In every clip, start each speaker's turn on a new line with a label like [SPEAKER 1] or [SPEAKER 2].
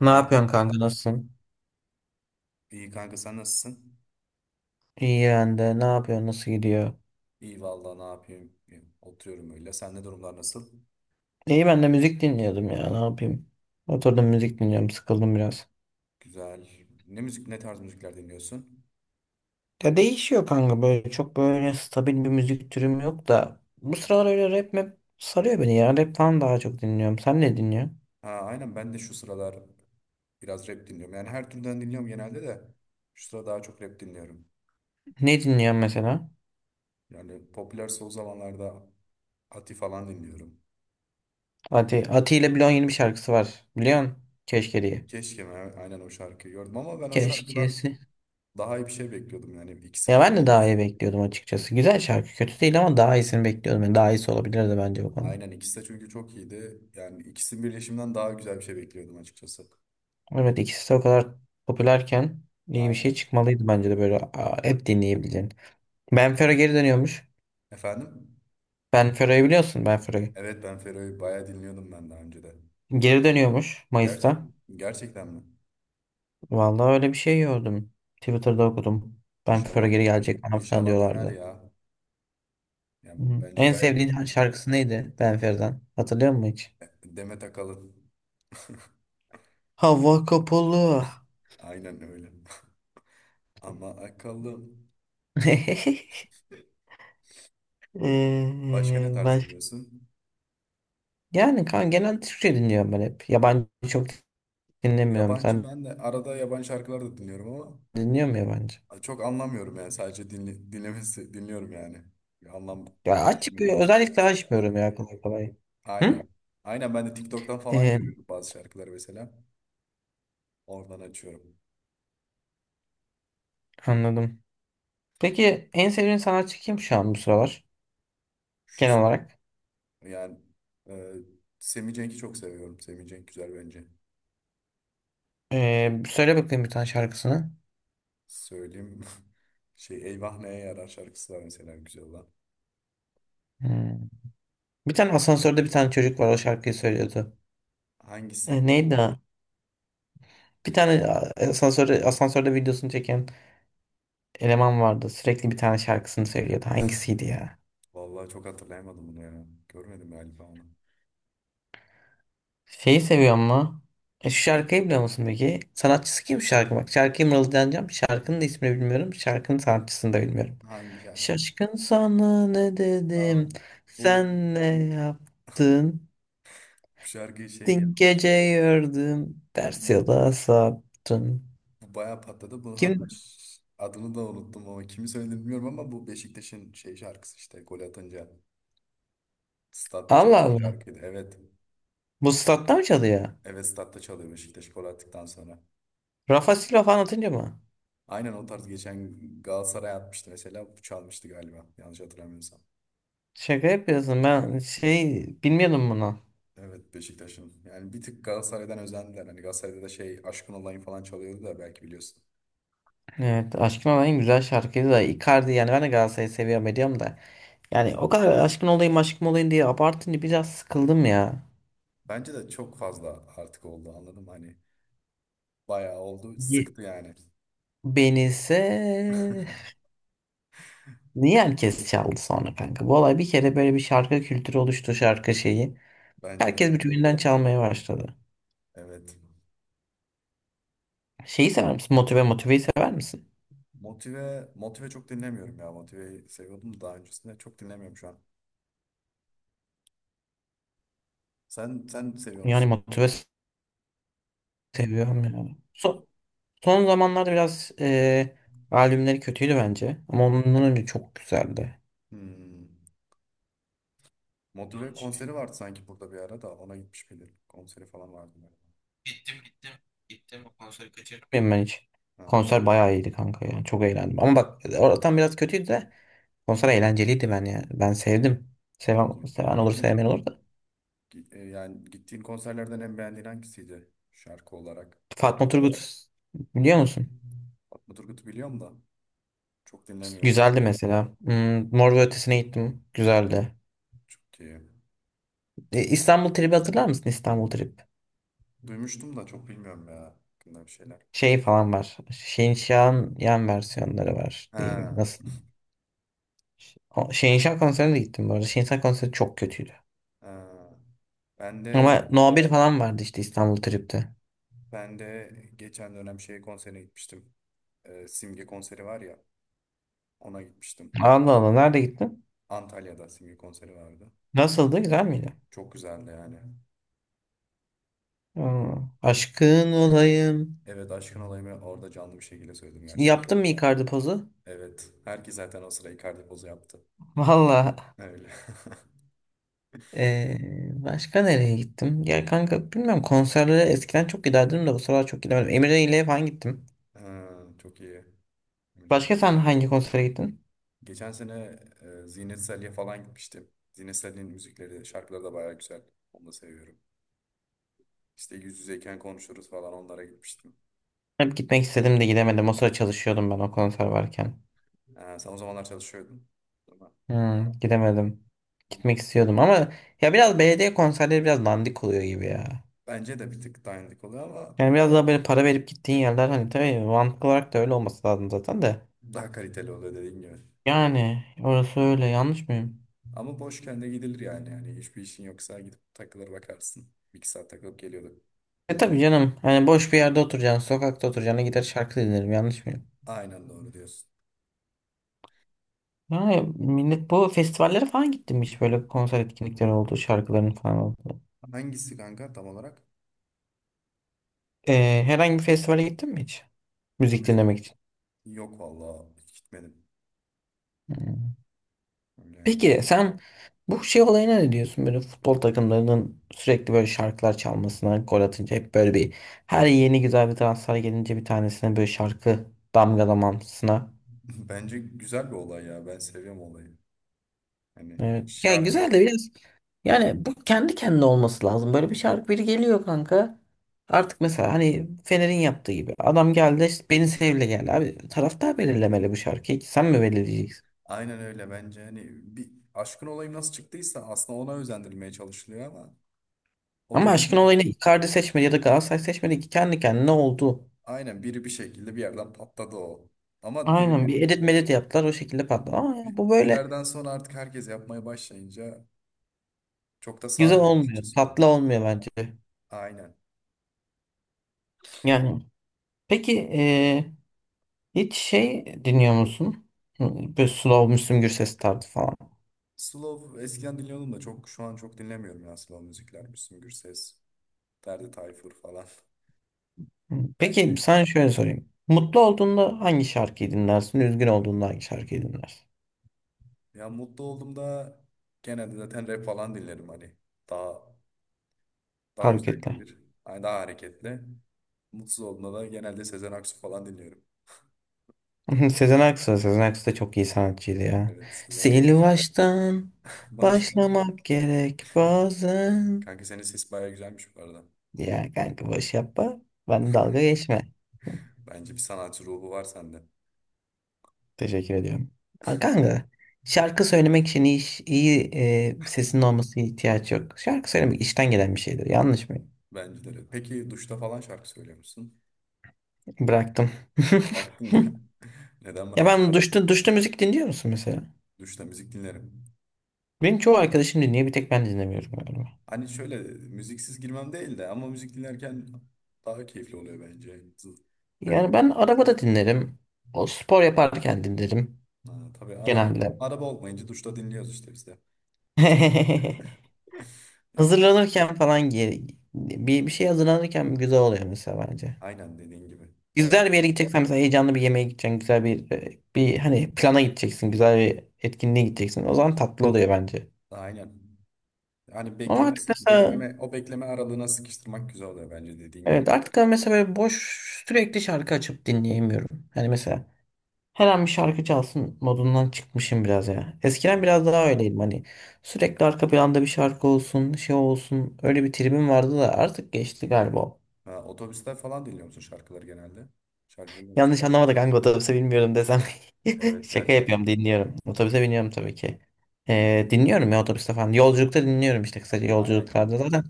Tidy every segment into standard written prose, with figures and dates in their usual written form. [SPEAKER 1] Ne
[SPEAKER 2] Kanka,
[SPEAKER 1] yapıyorsun kanka, nasılsın?
[SPEAKER 2] iyi kanka sen nasılsın?
[SPEAKER 1] İyi ben de. Ne yapıyorsun? Nasıl gidiyor?
[SPEAKER 2] İyi vallahi ne yapayım? Oturuyorum öyle. Sen ne durumlar nasıl?
[SPEAKER 1] İyi ben de, müzik dinliyordum ya. Ne yapayım? Oturdum, müzik dinliyorum. Sıkıldım biraz.
[SPEAKER 2] Güzel. Ne müzik, ne tarz müzikler dinliyorsun?
[SPEAKER 1] Ya değişiyor kanka böyle. Çok böyle stabil bir müzik türüm yok da. Bu sıralar öyle rap map sarıyor beni ya. Rap falan daha çok dinliyorum. Sen ne dinliyorsun?
[SPEAKER 2] Ha, aynen ben de şu sıralar biraz rap dinliyorum. Yani her türden dinliyorum genelde de şu sıra daha çok rap dinliyorum.
[SPEAKER 1] Ne dinliyorsun mesela?
[SPEAKER 2] Yani popüler son zamanlarda Ati falan dinliyorum.
[SPEAKER 1] Ati ile Blon yeni bir şarkısı var. Biliyorsun? Keşke diye.
[SPEAKER 2] Keşke ben aynen o şarkıyı gördüm ama ben o şarkıdan
[SPEAKER 1] Keşkesi.
[SPEAKER 2] daha iyi bir şey bekliyordum. Yani ikisi
[SPEAKER 1] Ya ben de daha iyi
[SPEAKER 2] birleşince
[SPEAKER 1] bekliyordum açıkçası. Güzel şarkı. Kötü değil ama daha iyisini bekliyordum. Yani daha iyisi olabilirdi bence bu konuda.
[SPEAKER 2] aynen ikisi de çünkü çok iyiydi. Yani ikisinin birleşiminden daha güzel bir şey bekliyordum açıkçası.
[SPEAKER 1] Evet, ikisi de o kadar popülerken iyi bir şey
[SPEAKER 2] Aynen.
[SPEAKER 1] çıkmalıydı bence de, böyle hep dinleyebileceğin. Benfero
[SPEAKER 2] Abi.
[SPEAKER 1] geri dönüyormuş.
[SPEAKER 2] Efendim?
[SPEAKER 1] Benfero'yu biliyorsun, Benfero'yu.
[SPEAKER 2] Evet ben Fero'yu bayağı dinliyordum ben daha önce de.
[SPEAKER 1] Geri dönüyormuş
[SPEAKER 2] Gerçek,
[SPEAKER 1] Mayıs'ta.
[SPEAKER 2] gerçekten mi?
[SPEAKER 1] Vallahi öyle bir şey gördüm. Twitter'da okudum. Benfero
[SPEAKER 2] İnşallah.
[SPEAKER 1] geri gelecek falan filan
[SPEAKER 2] İnşallah döner
[SPEAKER 1] diyorlardı.
[SPEAKER 2] ya. Yani
[SPEAKER 1] Hı.
[SPEAKER 2] bence
[SPEAKER 1] En
[SPEAKER 2] gayet
[SPEAKER 1] sevdiğin şarkısı neydi Benfero'dan? Hatırlıyor musun hiç?
[SPEAKER 2] Demet Akalın.
[SPEAKER 1] Hava kapalı.
[SPEAKER 2] Aynen öyle. Ama akıllı. Başka ne
[SPEAKER 1] Ee,
[SPEAKER 2] tarz
[SPEAKER 1] baş-
[SPEAKER 2] dinliyorsun?
[SPEAKER 1] Yani kan, genel Türkçe dinliyorum ben hep. Yabancı çok dinlemiyorum.
[SPEAKER 2] Yabancı
[SPEAKER 1] Sen
[SPEAKER 2] ben de arada yabancı şarkılar da dinliyorum
[SPEAKER 1] dinliyor musun yabancı?
[SPEAKER 2] ama çok anlamıyorum yani sadece dinle, dinlemesi dinliyorum yani. Bir anlam
[SPEAKER 1] Ya açık,
[SPEAKER 2] taşımıyor
[SPEAKER 1] bir
[SPEAKER 2] benim için.
[SPEAKER 1] özellikle açmıyorum ya kolay kolay. Hı?
[SPEAKER 2] Aynen. Aynen ben de TikTok'tan falan
[SPEAKER 1] Ee,
[SPEAKER 2] görüyorum bazı şarkıları mesela. Oradan açıyorum.
[SPEAKER 1] Anladım. Peki en sevdiğin sanatçı kim şu an, bu sıralar?
[SPEAKER 2] Şu
[SPEAKER 1] Genel olarak.
[SPEAKER 2] yani e, Semih Cenk'i çok seviyorum. Semih Cenk güzel bence.
[SPEAKER 1] Söyle bakayım bir tane şarkısını.
[SPEAKER 2] Söyleyeyim şey Eyvah Neye Yarar şarkısı var mesela güzel olan.
[SPEAKER 1] Hmm. Bir tane asansörde bir tane çocuk var, o şarkıyı söylüyordu.
[SPEAKER 2] Hangisi?
[SPEAKER 1] Neydi o? Bir tane asansörde, asansörde, videosunu çeken eleman vardı. Sürekli bir tane şarkısını söylüyordu. Hangisiydi ya?
[SPEAKER 2] Vallahi çok hatırlayamadım bunu ya. Görmedim galiba onu.
[SPEAKER 1] Şeyi seviyor ama. E, şu şarkıyı biliyor musun peki? Sanatçısı kim şarkı? Bak, şarkıya mırıldanacağım. Şarkının da ismini bilmiyorum. Şarkının sanatçısını da bilmiyorum.
[SPEAKER 2] Hangi şarkı?
[SPEAKER 1] Şaşkın, sana ne
[SPEAKER 2] Aa,
[SPEAKER 1] dedim?
[SPEAKER 2] bu bu
[SPEAKER 1] Sen ne yaptın?
[SPEAKER 2] şarkı şey ya
[SPEAKER 1] Dün gece gördüm. Ters
[SPEAKER 2] bu
[SPEAKER 1] yola saptın.
[SPEAKER 2] bayağı patladı. Bu hatta
[SPEAKER 1] Kim?
[SPEAKER 2] adını da unuttum ama kimi söylediğini bilmiyorum ama bu Beşiktaş'ın şey şarkısı işte gol atınca statta
[SPEAKER 1] Allah
[SPEAKER 2] çalan bir
[SPEAKER 1] Allah.
[SPEAKER 2] şarkıydı. Evet.
[SPEAKER 1] Bu statta mı çalıyor?
[SPEAKER 2] Evet statta çalıyor Beşiktaş gol attıktan sonra.
[SPEAKER 1] Rafa Silva falan atınca mı?
[SPEAKER 2] Aynen o tarz geçen Galatasaray atmıştı mesela, çalmıştı galiba. Yanlış hatırlamıyorsam.
[SPEAKER 1] Şaka yapıyorsun. Ben şey bilmiyordum bunu.
[SPEAKER 2] Evet Beşiktaş'ın. Yani bir tık Galatasaray'dan özendiler. Hani Galatasaray'da da şey Aşkın Olayım falan çalıyordu da belki biliyorsun.
[SPEAKER 1] Evet, Aşkın Olayım en güzel şarkıydı da, Icardi yani, ben de Galatasaray'ı seviyorum ediyorum da. Yani o kadar aşkın olayım aşkın olayım diye abartınca biraz sıkıldım ya.
[SPEAKER 2] Bence de çok fazla artık oldu anladım. Hani bayağı oldu.
[SPEAKER 1] Ye-
[SPEAKER 2] Sıktı yani.
[SPEAKER 1] Beni ise niye herkes çaldı sonra kanka? Bu olay bir kere böyle, bir şarkı kültürü oluştu, şarkı şeyi.
[SPEAKER 2] Bence de.
[SPEAKER 1] Herkes birbirinden çalmaya başladı.
[SPEAKER 2] Evet.
[SPEAKER 1] Şeyi sever misin? Motive'yi sever misin?
[SPEAKER 2] Motive, motive çok dinlemiyorum ya. Motive'yi seviyordum da daha öncesinde. Çok dinlemiyorum şu an. Sen seviyor
[SPEAKER 1] Yani
[SPEAKER 2] musun?
[SPEAKER 1] Motive seviyorum yani. Son zamanlarda biraz albümleri kötüydü bence. Ama ondan önce çok güzeldi.
[SPEAKER 2] Hmm. Motive konseri vardı sanki burada bir ara da ona gitmiş miydim. Konseri falan vardı galiba.
[SPEAKER 1] Gittim. Gittim o konseri, kaçırdım. Bilmiyorum ben hiç.
[SPEAKER 2] Ha.
[SPEAKER 1] Konser bayağı iyiydi kanka ya. Çok
[SPEAKER 2] Ha,
[SPEAKER 1] eğlendim. Ama bak, oradan biraz kötüydü de konser eğlenceliydi ben ya. Ben sevdim.
[SPEAKER 2] çok
[SPEAKER 1] Seven,
[SPEAKER 2] iyi.
[SPEAKER 1] seven olur,
[SPEAKER 2] Peki
[SPEAKER 1] sevmeyen olur da.
[SPEAKER 2] yani gittiğin konserlerden en beğendiğin hangisiydi şarkı olarak?
[SPEAKER 1] Fatma Turgut, biliyor musun?
[SPEAKER 2] Fatma Turgut'u biliyorum da çok dinlemiyorum.
[SPEAKER 1] Güzeldi mesela. Hmm, Mor ve Ötesi'ne gittim. Güzeldi.
[SPEAKER 2] Çok iyi.
[SPEAKER 1] E, İstanbul Trip'i hatırlar mısın? İstanbul Trip.
[SPEAKER 2] Duymuştum da çok bilmiyorum ya hakkında bir şeyler.
[SPEAKER 1] Şey falan var. Şehinşah'ın yan versiyonları var diyeyim.
[SPEAKER 2] Ha,
[SPEAKER 1] Nasıl? Şehinşah konserine de gittim bu arada. Şehinşah konseri çok kötüydü.
[SPEAKER 2] ha. Ben de
[SPEAKER 1] Ama No bir falan vardı işte İstanbul Trip'te.
[SPEAKER 2] ben de geçen dönem şey konserine gitmiştim. Simge konseri var ya ona gitmiştim.
[SPEAKER 1] Allah Allah, nerede gittin?
[SPEAKER 2] Antalya'da Simge konseri vardı.
[SPEAKER 1] Nasıldı? Güzel miydi?
[SPEAKER 2] Çok güzeldi yani.
[SPEAKER 1] Aa, aşkın olayım.
[SPEAKER 2] Evet aşkın olayımı orada canlı bir şekilde söyledim gerçekten.
[SPEAKER 1] Yaptın mı Icardi pozu?
[SPEAKER 2] Evet. Herkes zaten o sıra Icardi pozu yaptı.
[SPEAKER 1] Valla.
[SPEAKER 2] Öyle.
[SPEAKER 1] Ee, Başka nereye gittim? Ya kanka, bilmiyorum, konserlere eskiden çok giderdim de bu sıralar çok gidemedim. Emre ile falan gittim.
[SPEAKER 2] Ha, çok iyi. Müjdenim.
[SPEAKER 1] Başka sen hangi konsere gittin?
[SPEAKER 2] Geçen sene Zinet Salih'e falan gitmiştim. Zinet Salih'in müzikleri, şarkıları da bayağı güzel. Onu da seviyorum. İşte yüz yüzeyken konuşuruz falan onlara gitmiştim.
[SPEAKER 1] Hep gitmek istedim de gidemedim. O sıra çalışıyordum ben o konser varken.
[SPEAKER 2] Ha, sen o zamanlar çalışıyordun, değil mi?
[SPEAKER 1] Hmm, gidemedim. Gitmek istiyordum ama ya biraz belediye konserleri biraz dandik oluyor gibi ya.
[SPEAKER 2] Bence de bir tık dandik oluyor ama
[SPEAKER 1] Yani biraz daha böyle para verip gittiğin yerler, hani tabii mantıklı olarak da öyle olması lazım zaten de.
[SPEAKER 2] daha kaliteli oluyor dediğim gibi.
[SPEAKER 1] Yani orası öyle, yanlış mıyım?
[SPEAKER 2] Ama boşken de gidilir yani. Yani hiçbir işin yoksa gidip takılır bakarsın. Bir iki saat takılıp geliyorduk.
[SPEAKER 1] E tabii canım, hani boş bir yerde oturacaksın, sokakta oturacaksın, gider şarkı dinlerim, yanlış mıyım?
[SPEAKER 2] Aynen doğru diyorsun.
[SPEAKER 1] Yani millet, bu festivallere falan gittin mi hiç? Böyle konser etkinlikleri oldu, şarkıların falan oldu.
[SPEAKER 2] Hangisi kanka tam olarak?
[SPEAKER 1] E, herhangi bir festivale gittin mi hiç?
[SPEAKER 2] Ya
[SPEAKER 1] Müzik
[SPEAKER 2] müzik
[SPEAKER 1] dinlemek için.
[SPEAKER 2] yok valla, hiç gitmedim.
[SPEAKER 1] Hmm.
[SPEAKER 2] Öyle yani.
[SPEAKER 1] Peki sen bu şey olayına ne diyorsun? Böyle futbol takımlarının sürekli böyle şarkılar çalmasına, gol atınca hep böyle bir, her yeni güzel bir transfer gelince bir tanesine böyle şarkı damgalamasına.
[SPEAKER 2] Bence güzel bir olay ya. Ben seviyorum olayı. Hani
[SPEAKER 1] Evet. Ya
[SPEAKER 2] şarkı
[SPEAKER 1] güzel de biraz, yani bu kendi kendine olması lazım. Böyle bir şarkı, biri geliyor kanka. Artık mesela hani Fener'in yaptığı gibi, adam geldi işte, beni sevle geldi abi, taraftar belirlemeli bu şarkıyı, sen mi belirleyeceksin?
[SPEAKER 2] aynen öyle bence hani bir aşkın olayı nasıl çıktıysa aslında ona özendirilmeye çalışılıyor ama o
[SPEAKER 1] Ama aşkın
[SPEAKER 2] dediğin
[SPEAKER 1] olayını Icardi seçmedi ya da Galatasaray seçmedi ki, kendi kendine oldu.
[SPEAKER 2] aynen biri bir şekilde bir yerden patladı o. Ama
[SPEAKER 1] Aynen,
[SPEAKER 2] diğerleri
[SPEAKER 1] bir edit medit yaptılar, o şekilde patladı. Ama ya
[SPEAKER 2] bir,
[SPEAKER 1] bu
[SPEAKER 2] bir
[SPEAKER 1] böyle
[SPEAKER 2] yerden sonra artık herkes yapmaya başlayınca çok da
[SPEAKER 1] güzel
[SPEAKER 2] sarmıyor
[SPEAKER 1] olmuyor.
[SPEAKER 2] açıkçası
[SPEAKER 1] Tatlı
[SPEAKER 2] onlar.
[SPEAKER 1] olmuyor bence.
[SPEAKER 2] Aynen.
[SPEAKER 1] Yani peki hiç şey dinliyor musun? Hı, Böyle slow Müslüm Gürses tarzı falan.
[SPEAKER 2] Slow eskiden dinliyordum da çok şu an çok dinlemiyorum ya slow müzikler. Müslüm Gürses, Ferdi Tayfur falan.
[SPEAKER 1] Hı, peki
[SPEAKER 2] Bence
[SPEAKER 1] sana şöyle sorayım. Mutlu olduğunda hangi şarkıyı dinlersin? Üzgün olduğunda hangi şarkıyı dinlersin?
[SPEAKER 2] ya mutlu olduğumda genelde zaten rap falan dinlerim hani. Daha daha güzel
[SPEAKER 1] Hareketle.
[SPEAKER 2] gelir. Hani daha hareketli. Mutsuz olduğumda da genelde Sezen Aksu falan dinliyorum.
[SPEAKER 1] Sezen Aksu. Sezen Aksu da çok iyi sanatçıydı ya.
[SPEAKER 2] Evet Sezen
[SPEAKER 1] Sil
[SPEAKER 2] Aksu.
[SPEAKER 1] baştan
[SPEAKER 2] Başka mı?
[SPEAKER 1] başlamak gerek bazen.
[SPEAKER 2] Kanka senin ses bayağı güzelmiş bu arada.
[SPEAKER 1] Ya kanka, boş yapma. Ben, dalga geçme.
[SPEAKER 2] Bence bir sanatçı ruhu var sende.
[SPEAKER 1] Teşekkür ediyorum. Aa, kanka, şarkı söylemek için iyi, iş- iyi e, sesinin olması ihtiyaç yok. Şarkı söylemek işten gelen bir şeydir. Yanlış mı?
[SPEAKER 2] Bence de öyle. Peki duşta falan şarkı söylüyor musun?
[SPEAKER 1] Bıraktım.
[SPEAKER 2] Bıraktın mı? Neden
[SPEAKER 1] Ya
[SPEAKER 2] bırak?
[SPEAKER 1] ben duşta, duşta, müzik dinliyor musun mesela?
[SPEAKER 2] Duşta müzik dinlerim.
[SPEAKER 1] Benim çoğu arkadaşım dinliyor. Bir tek ben dinlemiyorum galiba.
[SPEAKER 2] Hani şöyle müziksiz girmem değil de ama müzik dinlerken daha keyifli oluyor bence.
[SPEAKER 1] Yani
[SPEAKER 2] Ben
[SPEAKER 1] ben arabada dinlerim. O, spor yaparken dinlerim.
[SPEAKER 2] ha, tabii araba
[SPEAKER 1] Genelde.
[SPEAKER 2] araba olmayınca duşta dinliyoruz işte biz de. Yapacak. Yapacak.
[SPEAKER 1] Hazırlanırken falan gi- bir, bir şey hazırlanırken güzel oluyor mesela bence.
[SPEAKER 2] Aynen dediğin gibi. O ya.
[SPEAKER 1] Güzel bir yere gideceksen, mesela heyecanlı bir yemeğe gideceksin. Güzel bir bir hani plana gideceksin. Güzel bir etkinliğe gideceksin. O zaman tatlı oluyor bence.
[SPEAKER 2] Aynen. Hani
[SPEAKER 1] Ama artık
[SPEAKER 2] beklemesi,
[SPEAKER 1] mesela,
[SPEAKER 2] bekleme, o bekleme aralığına sıkıştırmak güzel oluyor bence dediğin gibi.
[SPEAKER 1] evet, artık ben mesela böyle boş sürekli şarkı açıp dinleyemiyorum. Hani mesela her an bir şarkı çalsın modundan çıkmışım biraz ya.
[SPEAKER 2] Ha.
[SPEAKER 1] Eskiden biraz daha öyleydim hani. Sürekli arka planda bir şarkı olsun, şey olsun. Öyle bir tribim vardı da artık geçti galiba.
[SPEAKER 2] Ha, otobüsler falan dinliyor musun şarkıları genelde? Şarkı dinliyor musun?
[SPEAKER 1] Yanlış anlamadık, hangi otobüse bilmiyorum desem.
[SPEAKER 2] Evet
[SPEAKER 1] Şaka
[SPEAKER 2] gerçekten.
[SPEAKER 1] yapıyorum, dinliyorum. Otobüse
[SPEAKER 2] Ha.
[SPEAKER 1] biniyorum tabii ki.
[SPEAKER 2] Hmm.
[SPEAKER 1] Dinliyorum ya otobüste falan. Yolculukta dinliyorum, işte kısaca
[SPEAKER 2] Aynen.
[SPEAKER 1] yolculuklarda zaten.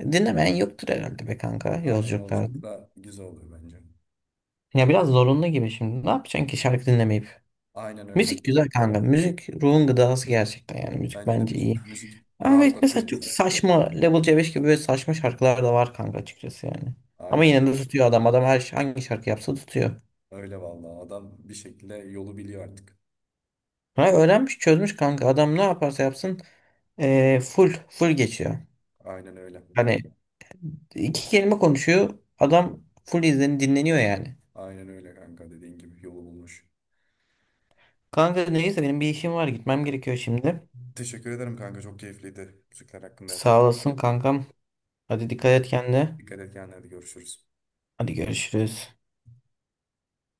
[SPEAKER 1] Dinlemeyen yoktur herhalde be kanka,
[SPEAKER 2] Aynen
[SPEAKER 1] yolculuklarda.
[SPEAKER 2] yolculukta güzel oluyor bence.
[SPEAKER 1] Ya biraz zorunlu gibi şimdi. Ne yapacaksın ki şarkı dinlemeyip?
[SPEAKER 2] Aynen öyle.
[SPEAKER 1] Müzik güzel kanka. Müzik ruhun gıdası gerçekten yani. Müzik
[SPEAKER 2] Bence de
[SPEAKER 1] bence iyi.
[SPEAKER 2] müzik
[SPEAKER 1] Ama evet,
[SPEAKER 2] rahatlatıyor
[SPEAKER 1] mesela çok
[SPEAKER 2] insanı.
[SPEAKER 1] saçma Level C5 gibi böyle saçma şarkılar da var kanka, açıkçası yani. Ama
[SPEAKER 2] Aynen.
[SPEAKER 1] yine de tutuyor adam. Adam her hangi şarkı yapsa tutuyor.
[SPEAKER 2] Öyle vallahi adam bir şekilde yolu biliyor artık.
[SPEAKER 1] Ha, öğrenmiş, çözmüş kanka. Adam ne yaparsa yapsın full full geçiyor.
[SPEAKER 2] Aynen öyle.
[SPEAKER 1] Hani iki kelime konuşuyor, adam full izleni dinleniyor yani.
[SPEAKER 2] Aynen öyle kanka dediğin gibi yolu bulmuş.
[SPEAKER 1] Kanka neyse, benim bir işim var, gitmem gerekiyor şimdi.
[SPEAKER 2] Teşekkür ederim kanka çok keyifliydi. Müzikler hakkında yaptığımız
[SPEAKER 1] Sağ olasın
[SPEAKER 2] sohbet.
[SPEAKER 1] kankam. Hadi, dikkat et kendine.
[SPEAKER 2] Dikkat et kendine hadi görüşürüz.
[SPEAKER 1] Hadi görüşürüz.